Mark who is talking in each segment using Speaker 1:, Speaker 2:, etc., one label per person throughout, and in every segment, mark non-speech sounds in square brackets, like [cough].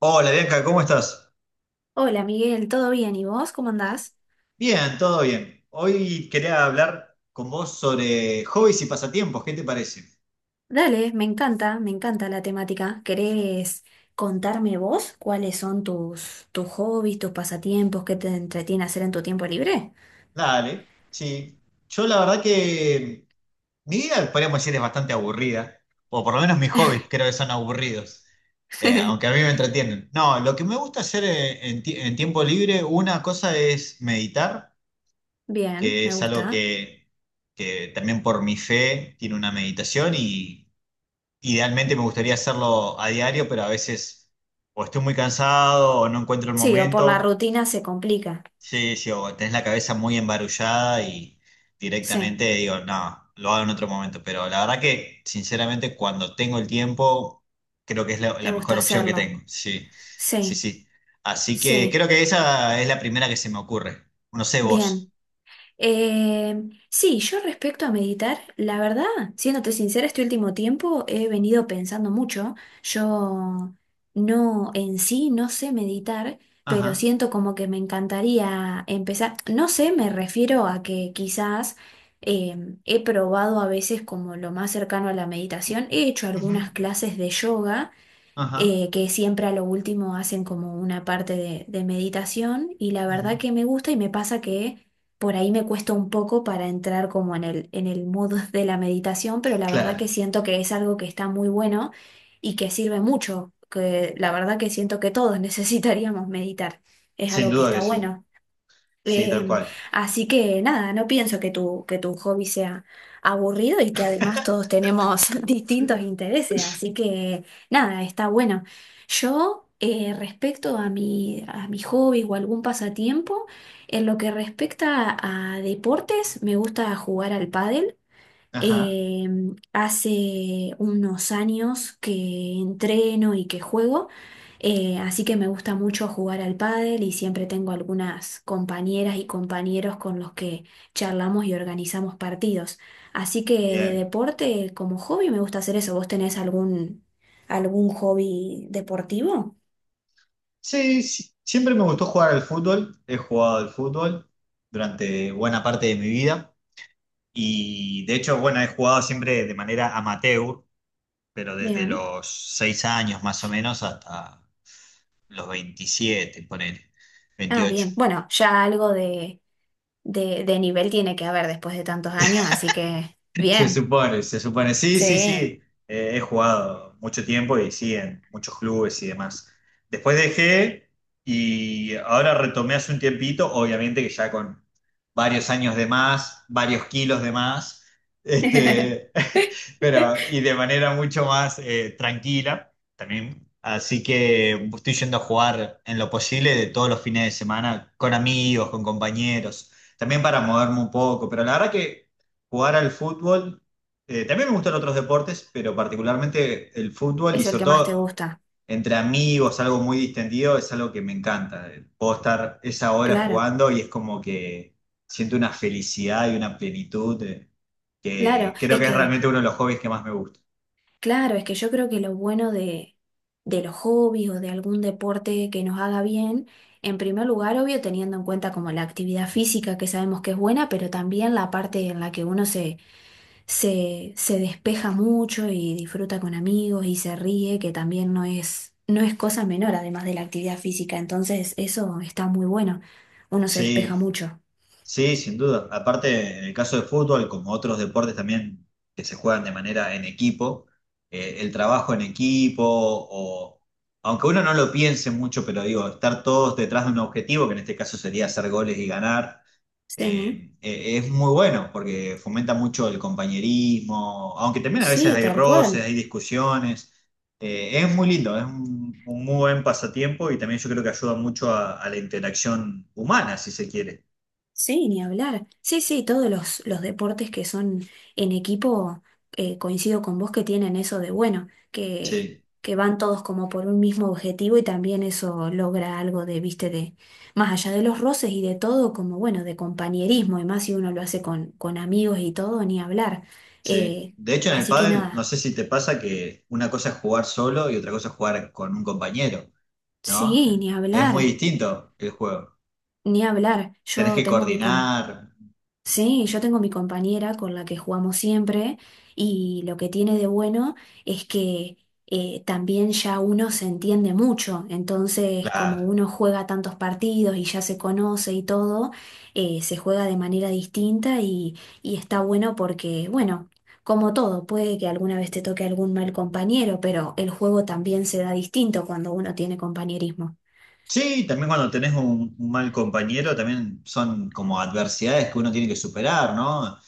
Speaker 1: Hola Bianca, ¿cómo estás?
Speaker 2: Hola Miguel, ¿todo bien? ¿Y vos cómo andás?
Speaker 1: Bien, todo bien. Hoy quería hablar con vos sobre hobbies y pasatiempos, ¿qué te parece?
Speaker 2: Dale, me encanta la temática. ¿Querés contarme vos cuáles son tus hobbies, tus pasatiempos, qué te entretiene hacer en tu tiempo libre?
Speaker 1: Dale, sí. Yo la verdad que mi vida, podríamos decir, es bastante aburrida, o por lo menos mis hobbies creo que son aburridos, aunque a mí
Speaker 2: [laughs]
Speaker 1: me entretienen. No, lo que me gusta hacer en tiempo libre, una cosa es meditar,
Speaker 2: Bien,
Speaker 1: que
Speaker 2: me
Speaker 1: es algo
Speaker 2: gusta.
Speaker 1: que también por mi fe tiene una meditación y idealmente me gustaría hacerlo a diario, pero a veces o estoy muy cansado o no encuentro el
Speaker 2: Sí, o por la
Speaker 1: momento.
Speaker 2: rutina se complica.
Speaker 1: Sí, sí, o tenés la cabeza muy embarullada y
Speaker 2: Sí,
Speaker 1: directamente digo, no, lo hago en otro momento. Pero la verdad que, sinceramente, cuando tengo el tiempo, creo que es la,
Speaker 2: te
Speaker 1: la
Speaker 2: gusta
Speaker 1: mejor opción que
Speaker 2: hacerlo.
Speaker 1: tengo. Sí, sí,
Speaker 2: Sí,
Speaker 1: sí. Así que
Speaker 2: sí,
Speaker 1: creo que esa es la primera que se me ocurre. No sé vos.
Speaker 2: bien. Eh, sí, yo respecto a meditar, la verdad, siéndote sincera, este último tiempo he venido pensando mucho. Yo no, en sí, no sé meditar, pero
Speaker 1: Ajá,
Speaker 2: siento como que me encantaría empezar. No sé, me refiero a que quizás he probado a veces como lo más cercano a la meditación. He hecho
Speaker 1: ujú,
Speaker 2: algunas clases de yoga
Speaker 1: ajá,
Speaker 2: que siempre a lo último hacen como una parte de meditación y la
Speaker 1: ujú.
Speaker 2: verdad que me gusta y me pasa que por ahí me cuesta un poco para entrar como en el mood [laughs] de la meditación, pero la verdad que
Speaker 1: Claro,
Speaker 2: siento que es algo que está muy bueno y que sirve mucho, que la verdad que siento que todos [laughs] necesitaríamos meditar, es
Speaker 1: sin
Speaker 2: algo que
Speaker 1: duda que
Speaker 2: está
Speaker 1: sí.
Speaker 2: bueno.
Speaker 1: Sí, tal
Speaker 2: Em,
Speaker 1: cual.
Speaker 2: Así que nada, no pienso que tu hobby sea aburrido y que además todos tenemos [laughs] distintos intereses, así que nada, está bueno. Yo, respecto a mi hobby o algún pasatiempo, en lo que respecta a deportes, me gusta jugar al pádel.
Speaker 1: Ajá,
Speaker 2: Eh, Hace unos años que entreno y que juego, así que me gusta mucho jugar al pádel y siempre tengo algunas compañeras y compañeros con los que charlamos y organizamos partidos. Así que de
Speaker 1: bien.
Speaker 2: deporte, como hobby, me gusta hacer eso. ¿Vos tenés algún hobby deportivo?
Speaker 1: Sí, sí, siempre me gustó jugar al fútbol. He jugado al fútbol durante buena parte de mi vida y de hecho, bueno, he jugado siempre de manera amateur, pero desde
Speaker 2: Bien.
Speaker 1: los 6 años más o menos hasta los 27 ponele,
Speaker 2: Ah,
Speaker 1: 28.
Speaker 2: bien. Bueno, ya algo de, de nivel tiene que haber después de tantos años, así que
Speaker 1: Se
Speaker 2: bien.
Speaker 1: supone, se supone. Sí, sí, sí.
Speaker 2: Sí.
Speaker 1: He jugado mucho tiempo y sí, en muchos clubes y demás. Después dejé y ahora retomé hace un tiempito, obviamente que ya con varios años de más, varios kilos de más,
Speaker 2: [laughs]
Speaker 1: este, [laughs] pero y de manera mucho más tranquila también. Así que estoy yendo a jugar en lo posible de todos los fines de semana con amigos, con compañeros, también para moverme un poco, pero la verdad que jugar al fútbol. También me gustan otros deportes, pero particularmente el fútbol y
Speaker 2: Es el
Speaker 1: sobre
Speaker 2: que más te
Speaker 1: todo
Speaker 2: gusta.
Speaker 1: entre amigos, algo muy distendido, es algo que me encanta. Puedo estar esa hora
Speaker 2: Claro,
Speaker 1: jugando y es como que siento una felicidad y una plenitud
Speaker 2: claro.
Speaker 1: que creo que es realmente uno de los hobbies que más me gusta.
Speaker 2: Claro, es que yo creo que lo bueno de los hobbies o de algún deporte que nos haga bien, en primer lugar, obvio, teniendo en cuenta como la actividad física que sabemos que es buena, pero también la parte en la que uno se despeja mucho y disfruta con amigos y se ríe, que también no es cosa menor, además de la actividad física. Entonces, eso está muy bueno. Uno se despeja
Speaker 1: Sí.
Speaker 2: mucho.
Speaker 1: Sí, sin duda. Aparte, en el caso de fútbol, como otros deportes también que se juegan de manera en equipo, el trabajo en equipo, o aunque uno no lo piense mucho, pero digo, estar todos detrás de un objetivo, que en este caso sería hacer goles y ganar,
Speaker 2: Sí.
Speaker 1: es muy bueno porque fomenta mucho el compañerismo, aunque también a
Speaker 2: Sí,
Speaker 1: veces hay
Speaker 2: tal cual.
Speaker 1: roces, hay discusiones. Es muy lindo, es un muy buen pasatiempo y también yo creo que ayuda mucho a la interacción humana, si se quiere.
Speaker 2: Sí, ni hablar. Sí, sí, todos los deportes que son en equipo, coincido con vos que tienen eso de bueno,
Speaker 1: Sí.
Speaker 2: que van todos como por un mismo objetivo y también eso logra algo de, viste, de más allá de los roces y de todo, como bueno, de compañerismo, y más si uno lo hace con amigos y todo, ni hablar.
Speaker 1: Sí.
Speaker 2: Eh,
Speaker 1: De hecho, en el
Speaker 2: Así que
Speaker 1: pádel, no
Speaker 2: nada,
Speaker 1: sé si te pasa que una cosa es jugar solo y otra cosa es jugar con un compañero, ¿no?
Speaker 2: sí, ni
Speaker 1: Es muy
Speaker 2: hablar,
Speaker 1: distinto el juego.
Speaker 2: ni hablar.
Speaker 1: Tenés
Speaker 2: Yo
Speaker 1: que
Speaker 2: tengo mi, com-
Speaker 1: coordinar,
Speaker 2: Sí, yo tengo mi compañera con la que jugamos siempre y lo que tiene de bueno es que también ya uno se entiende mucho, entonces como
Speaker 1: claro.
Speaker 2: uno juega tantos partidos y ya se conoce y todo, se juega de manera distinta y está bueno porque, bueno, como todo, puede que alguna vez te toque algún mal compañero, pero el juego también se da distinto cuando uno tiene compañerismo.
Speaker 1: Sí, también cuando tenés un mal compañero, también son como adversidades que uno tiene que superar, ¿no?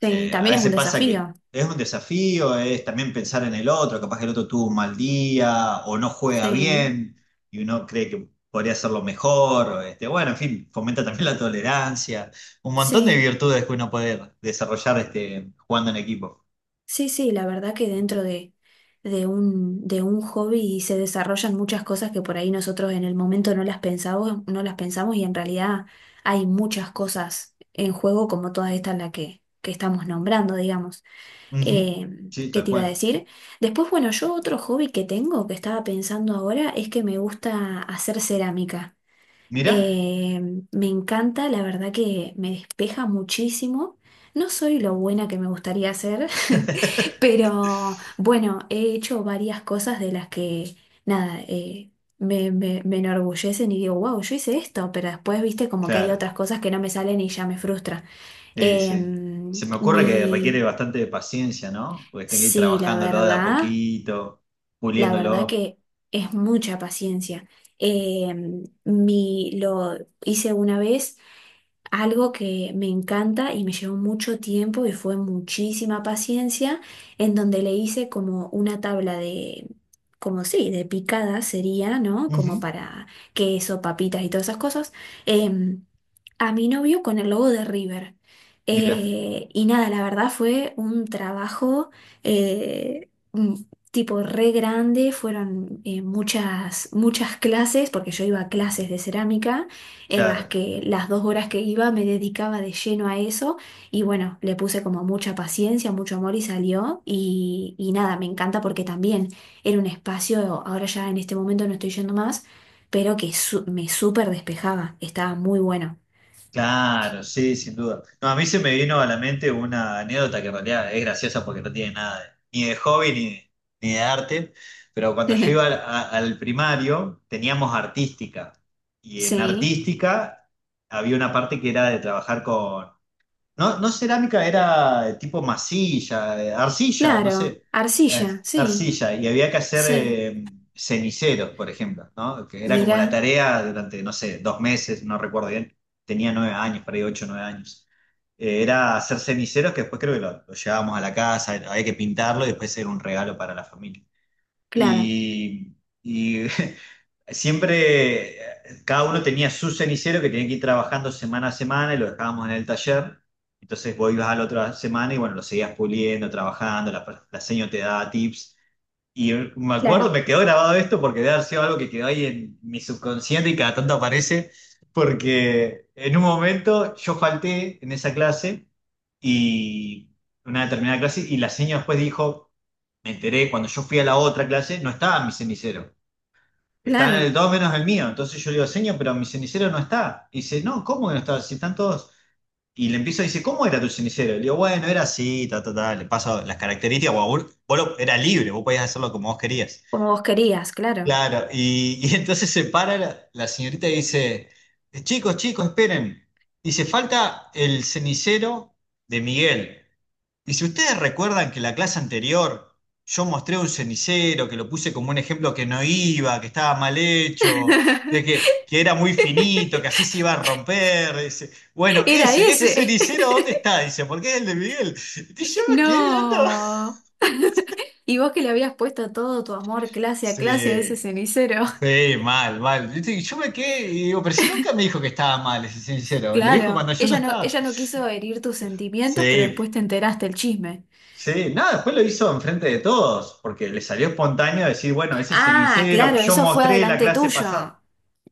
Speaker 2: Sí,
Speaker 1: A
Speaker 2: también es un
Speaker 1: veces pasa que
Speaker 2: desafío.
Speaker 1: es un desafío, es también pensar en el otro, capaz que el otro tuvo un mal día o no juega
Speaker 2: Sí,
Speaker 1: bien y uno cree que podría hacerlo mejor. Este, bueno, en fin, fomenta también la tolerancia, un montón de
Speaker 2: sí.
Speaker 1: virtudes que uno puede desarrollar este, jugando en equipo.
Speaker 2: Sí, sí, la verdad que dentro de un hobby se desarrollan muchas cosas que por ahí nosotros en el momento no las pensamos, no las pensamos, y en realidad hay muchas cosas en juego como todas estas las que estamos nombrando, digamos.
Speaker 1: Ujú,
Speaker 2: Eh,
Speaker 1: sí,
Speaker 2: ¿Qué
Speaker 1: tal
Speaker 2: te iba a
Speaker 1: cual.
Speaker 2: decir? Después, bueno, yo otro hobby que tengo, que estaba pensando ahora, es que me gusta hacer cerámica.
Speaker 1: Mirá,
Speaker 2: Eh, Me encanta, la verdad que me despeja muchísimo. No soy lo buena que me gustaría ser, [laughs]
Speaker 1: [laughs]
Speaker 2: pero bueno, he hecho varias cosas de las que, nada, me enorgullecen y digo, wow, yo hice esto, pero después, viste, como que hay
Speaker 1: claro,
Speaker 2: otras cosas que no me salen y ya me frustra.
Speaker 1: sí,
Speaker 2: Eh,
Speaker 1: sí. Se me ocurre que requiere
Speaker 2: mi,
Speaker 1: bastante de paciencia, ¿no? Porque tenés que ir
Speaker 2: sí,
Speaker 1: trabajándolo de a poquito,
Speaker 2: la verdad
Speaker 1: puliéndolo.
Speaker 2: que es mucha paciencia. Eh, lo hice una vez. Algo que me encanta y me llevó mucho tiempo y fue muchísima paciencia, en donde le hice como una tabla de, como sí, de picada sería, ¿no? Como
Speaker 1: Ujú,
Speaker 2: para queso, papitas y todas esas cosas, em, a mi novio con el logo de River.
Speaker 1: mirá,
Speaker 2: Y nada, la verdad fue un trabajo eh, mm, tipo re grande, fueron muchas, muchas clases, porque yo iba a clases de cerámica en las
Speaker 1: claro.
Speaker 2: que las dos horas que iba me dedicaba de lleno a eso y bueno, le puse como mucha paciencia, mucho amor y salió y nada, me encanta porque también era un espacio, ahora ya en este momento no estoy yendo más, pero que me súper despejaba, estaba muy bueno.
Speaker 1: Claro, sí, sin duda. No, a mí se me vino a la mente una anécdota que en realidad es graciosa porque no tiene nada de- ni de hobby ni de, ni de arte, pero cuando yo iba al,
Speaker 2: [laughs]
Speaker 1: al primario teníamos artística y en
Speaker 2: Sí,
Speaker 1: artística había una parte que era de trabajar con no, no cerámica, era tipo masilla, arcilla, no
Speaker 2: claro,
Speaker 1: sé, eh,
Speaker 2: arcilla, sí,
Speaker 1: arcilla, y había que hacer
Speaker 2: sí,
Speaker 1: ceniceros, por ejemplo, ¿no? Que era como la
Speaker 2: mirá,
Speaker 1: tarea durante, no sé, 2 meses, no recuerdo bien, tenía 9 años, por ahí 8, 9 años. Era hacer ceniceros que después creo que lo llevábamos a la casa, había que pintarlo y después era un regalo para la familia
Speaker 2: claro,
Speaker 1: y, y [laughs] siempre cada uno tenía su cenicero que tenía que ir trabajando semana a semana y lo dejábamos en el taller. Entonces vos ibas a la otra semana y bueno, lo seguías puliendo, trabajando, la seño te daba tips. Y me acuerdo,
Speaker 2: claro,
Speaker 1: me quedó grabado esto porque debe haber sido algo que quedó ahí en mi subconsciente y cada tanto aparece, porque en un momento yo falté en esa clase y una determinada clase y la señora después dijo, me enteré, cuando yo fui a la otra clase no estaba mi cenicero, estaba en
Speaker 2: claro,
Speaker 1: el todo menos el mío. Entonces yo le digo, señor, pero mi cenicero no está. Y dice, no, ¿cómo que no está? Si están todos... Y le empiezo a decir, ¿cómo era tu cenicero? Le digo, bueno, era así, ta, ta, ta, le paso las características, guau, vos, era libre, vos podías hacerlo como vos querías.
Speaker 2: como vos querías, claro.
Speaker 1: Claro, y [laughs] entonces se para la señorita y dice, chicos, chicos, esperen. Dice, falta el cenicero de Miguel. Dice, ¿ustedes recuerdan que la clase anterior yo mostré un cenicero, que lo puse como un ejemplo que no iba, que estaba mal hecho, de que era muy finito, que así se iba a romper? Dice, bueno,
Speaker 2: [laughs] Era
Speaker 1: ese
Speaker 2: ese.
Speaker 1: cenicero, ¿dónde está? Dice, porque es el de Miguel. Y yo
Speaker 2: [laughs]
Speaker 1: me quedé mirando. [laughs]
Speaker 2: No. Y vos que le habías puesto todo tu amor clase a clase a ese
Speaker 1: Sí.
Speaker 2: cenicero. [laughs]
Speaker 1: Sí, mal, mal. Yo, yo me quedé y digo, pero si nunca me dijo que estaba mal, es sincero. Lo dijo
Speaker 2: Claro,
Speaker 1: cuando yo no estaba.
Speaker 2: ella no quiso herir tus sentimientos, pero
Speaker 1: Sí,
Speaker 2: después te enteraste el chisme.
Speaker 1: sí. Nada, después lo hizo enfrente de todos, porque le salió espontáneo decir, bueno, ese
Speaker 2: Ah,
Speaker 1: cenicero que
Speaker 2: claro,
Speaker 1: yo
Speaker 2: eso fue
Speaker 1: mostré la
Speaker 2: adelante
Speaker 1: clase
Speaker 2: tuyo.
Speaker 1: pasada.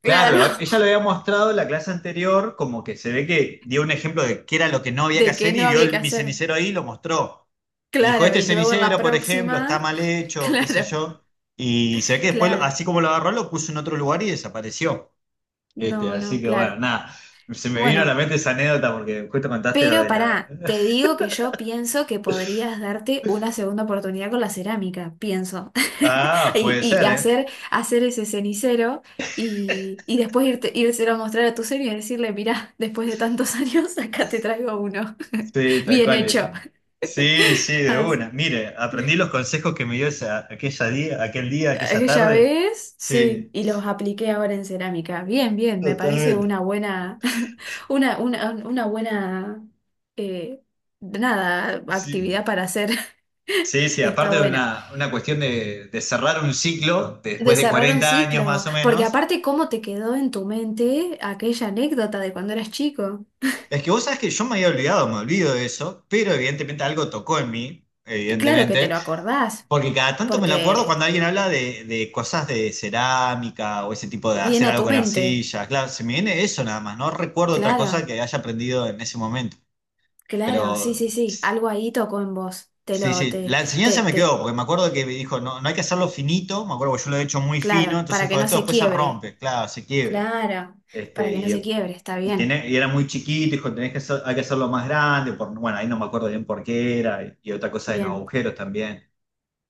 Speaker 2: Claro,
Speaker 1: Claro, ella lo había mostrado en la clase anterior, como que se ve que dio un ejemplo de qué era lo que no
Speaker 2: [laughs]
Speaker 1: había que
Speaker 2: de que
Speaker 1: hacer
Speaker 2: no
Speaker 1: y vio
Speaker 2: había que
Speaker 1: mi
Speaker 2: hacer.
Speaker 1: cenicero ahí y lo mostró. Y dijo,
Speaker 2: Claro,
Speaker 1: este
Speaker 2: y luego en la
Speaker 1: cenicero, por ejemplo, está
Speaker 2: próxima.
Speaker 1: mal
Speaker 2: [laughs]
Speaker 1: hecho, qué sé
Speaker 2: Claro,
Speaker 1: yo. Y se ve que después,
Speaker 2: claro.
Speaker 1: así como lo agarró, lo puso en otro lugar y desapareció. Este,
Speaker 2: No, no,
Speaker 1: así que bueno,
Speaker 2: claro.
Speaker 1: nada, se me vino a la
Speaker 2: Bueno.
Speaker 1: mente esa anécdota porque justo contaste lo
Speaker 2: Pero
Speaker 1: de la...
Speaker 2: pará,
Speaker 1: [laughs]
Speaker 2: te digo que yo pienso que podrías darte una segunda oportunidad con la cerámica, pienso. [laughs]
Speaker 1: Ah,
Speaker 2: Y,
Speaker 1: puede
Speaker 2: y
Speaker 1: ser, ¿eh?
Speaker 2: hacer, hacer ese cenicero y después írselo a mostrar a tu señor y decirle, mirá, después de tantos [laughs] años, acá te traigo uno. [laughs]
Speaker 1: Sí, tal
Speaker 2: Bien
Speaker 1: cual.
Speaker 2: hecho.
Speaker 1: Sí, sí, de una.
Speaker 2: Así,
Speaker 1: Mire, aprendí los consejos que me dio esa, aquella día, aquel día, aquella
Speaker 2: aquella
Speaker 1: tarde.
Speaker 2: vez, sí,
Speaker 1: Sí,
Speaker 2: y los apliqué ahora en cerámica. Bien, bien, me parece
Speaker 1: totalmente.
Speaker 2: una buena, [laughs] una buena, eh, nada,
Speaker 1: Sí,
Speaker 2: actividad para hacer.
Speaker 1: sí,
Speaker 2: [laughs]
Speaker 1: sí,
Speaker 2: Está
Speaker 1: aparte de
Speaker 2: buena.
Speaker 1: una cuestión de cerrar un ciclo de
Speaker 2: De
Speaker 1: después de
Speaker 2: cerrar un
Speaker 1: 40 años
Speaker 2: ciclo,
Speaker 1: más o
Speaker 2: porque
Speaker 1: menos.
Speaker 2: aparte, ¿cómo te quedó en tu mente aquella anécdota de cuando eras chico?
Speaker 1: Es que vos sabés que yo me había olvidado, me olvido de eso, pero evidentemente algo tocó en mí,
Speaker 2: Claro que te
Speaker 1: evidentemente.
Speaker 2: lo acordás,
Speaker 1: Porque cada tanto me lo acuerdo
Speaker 2: porque
Speaker 1: cuando alguien habla de cosas de cerámica o ese tipo de
Speaker 2: viene
Speaker 1: hacer
Speaker 2: a
Speaker 1: algo
Speaker 2: tu
Speaker 1: con
Speaker 2: mente.
Speaker 1: arcilla. Claro, se me viene eso nada más. No recuerdo otra cosa
Speaker 2: Claro,
Speaker 1: que haya aprendido en ese momento.
Speaker 2: claro, sí,
Speaker 1: Pero
Speaker 2: sí, sí, algo ahí tocó en vos. Te
Speaker 1: sí,
Speaker 2: lo,
Speaker 1: sí,
Speaker 2: te,
Speaker 1: la
Speaker 2: te,
Speaker 1: enseñanza me quedó,
Speaker 2: te,
Speaker 1: porque me acuerdo que me dijo, no, no hay que hacerlo finito. Me acuerdo que yo lo he hecho muy fino,
Speaker 2: claro,
Speaker 1: entonces
Speaker 2: para que
Speaker 1: dijo,
Speaker 2: no
Speaker 1: esto
Speaker 2: se
Speaker 1: después se
Speaker 2: quiebre.
Speaker 1: rompe, claro, se quiebra.
Speaker 2: Claro,
Speaker 1: Este,
Speaker 2: para que no se quiebre, está bien,
Speaker 1: y era muy chiquito, dijo, hay que hacerlo más grande. Bueno, ahí no me acuerdo bien por qué era. Y otra cosa de los
Speaker 2: bien.
Speaker 1: agujeros también.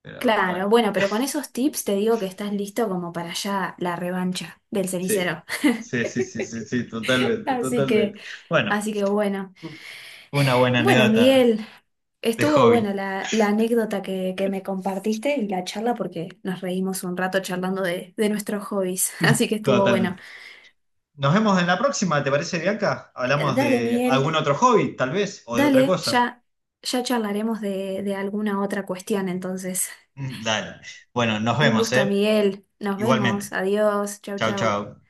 Speaker 1: Pero bueno.
Speaker 2: Claro, bueno, pero con esos tips te digo que estás listo como para ya la revancha del
Speaker 1: Sí,
Speaker 2: cenicero.
Speaker 1: sí, sí, sí, sí, sí,
Speaker 2: [laughs]
Speaker 1: totalmente,
Speaker 2: Así que,
Speaker 1: totalmente. Bueno,
Speaker 2: así que bueno.
Speaker 1: fue una buena
Speaker 2: Bueno,
Speaker 1: anécdota
Speaker 2: Miguel,
Speaker 1: de
Speaker 2: estuvo
Speaker 1: hobby.
Speaker 2: buena la, la anécdota que me compartiste y la charla porque nos reímos un rato charlando de nuestros hobbies, [laughs] así
Speaker 1: [laughs]
Speaker 2: que estuvo bueno.
Speaker 1: Totalmente. Nos vemos en la próxima, ¿te parece, Bianca? Hablamos
Speaker 2: Dale,
Speaker 1: de algún
Speaker 2: Miguel,
Speaker 1: otro hobby, tal vez, o de otra
Speaker 2: dale,
Speaker 1: cosa.
Speaker 2: ya, ya charlaremos de alguna otra cuestión entonces.
Speaker 1: Mm, dale. Bueno, nos
Speaker 2: Un
Speaker 1: vemos,
Speaker 2: gusto,
Speaker 1: ¿eh?
Speaker 2: Miguel, nos vemos,
Speaker 1: Igualmente.
Speaker 2: adiós, chau,
Speaker 1: Chau,
Speaker 2: chau.
Speaker 1: chau.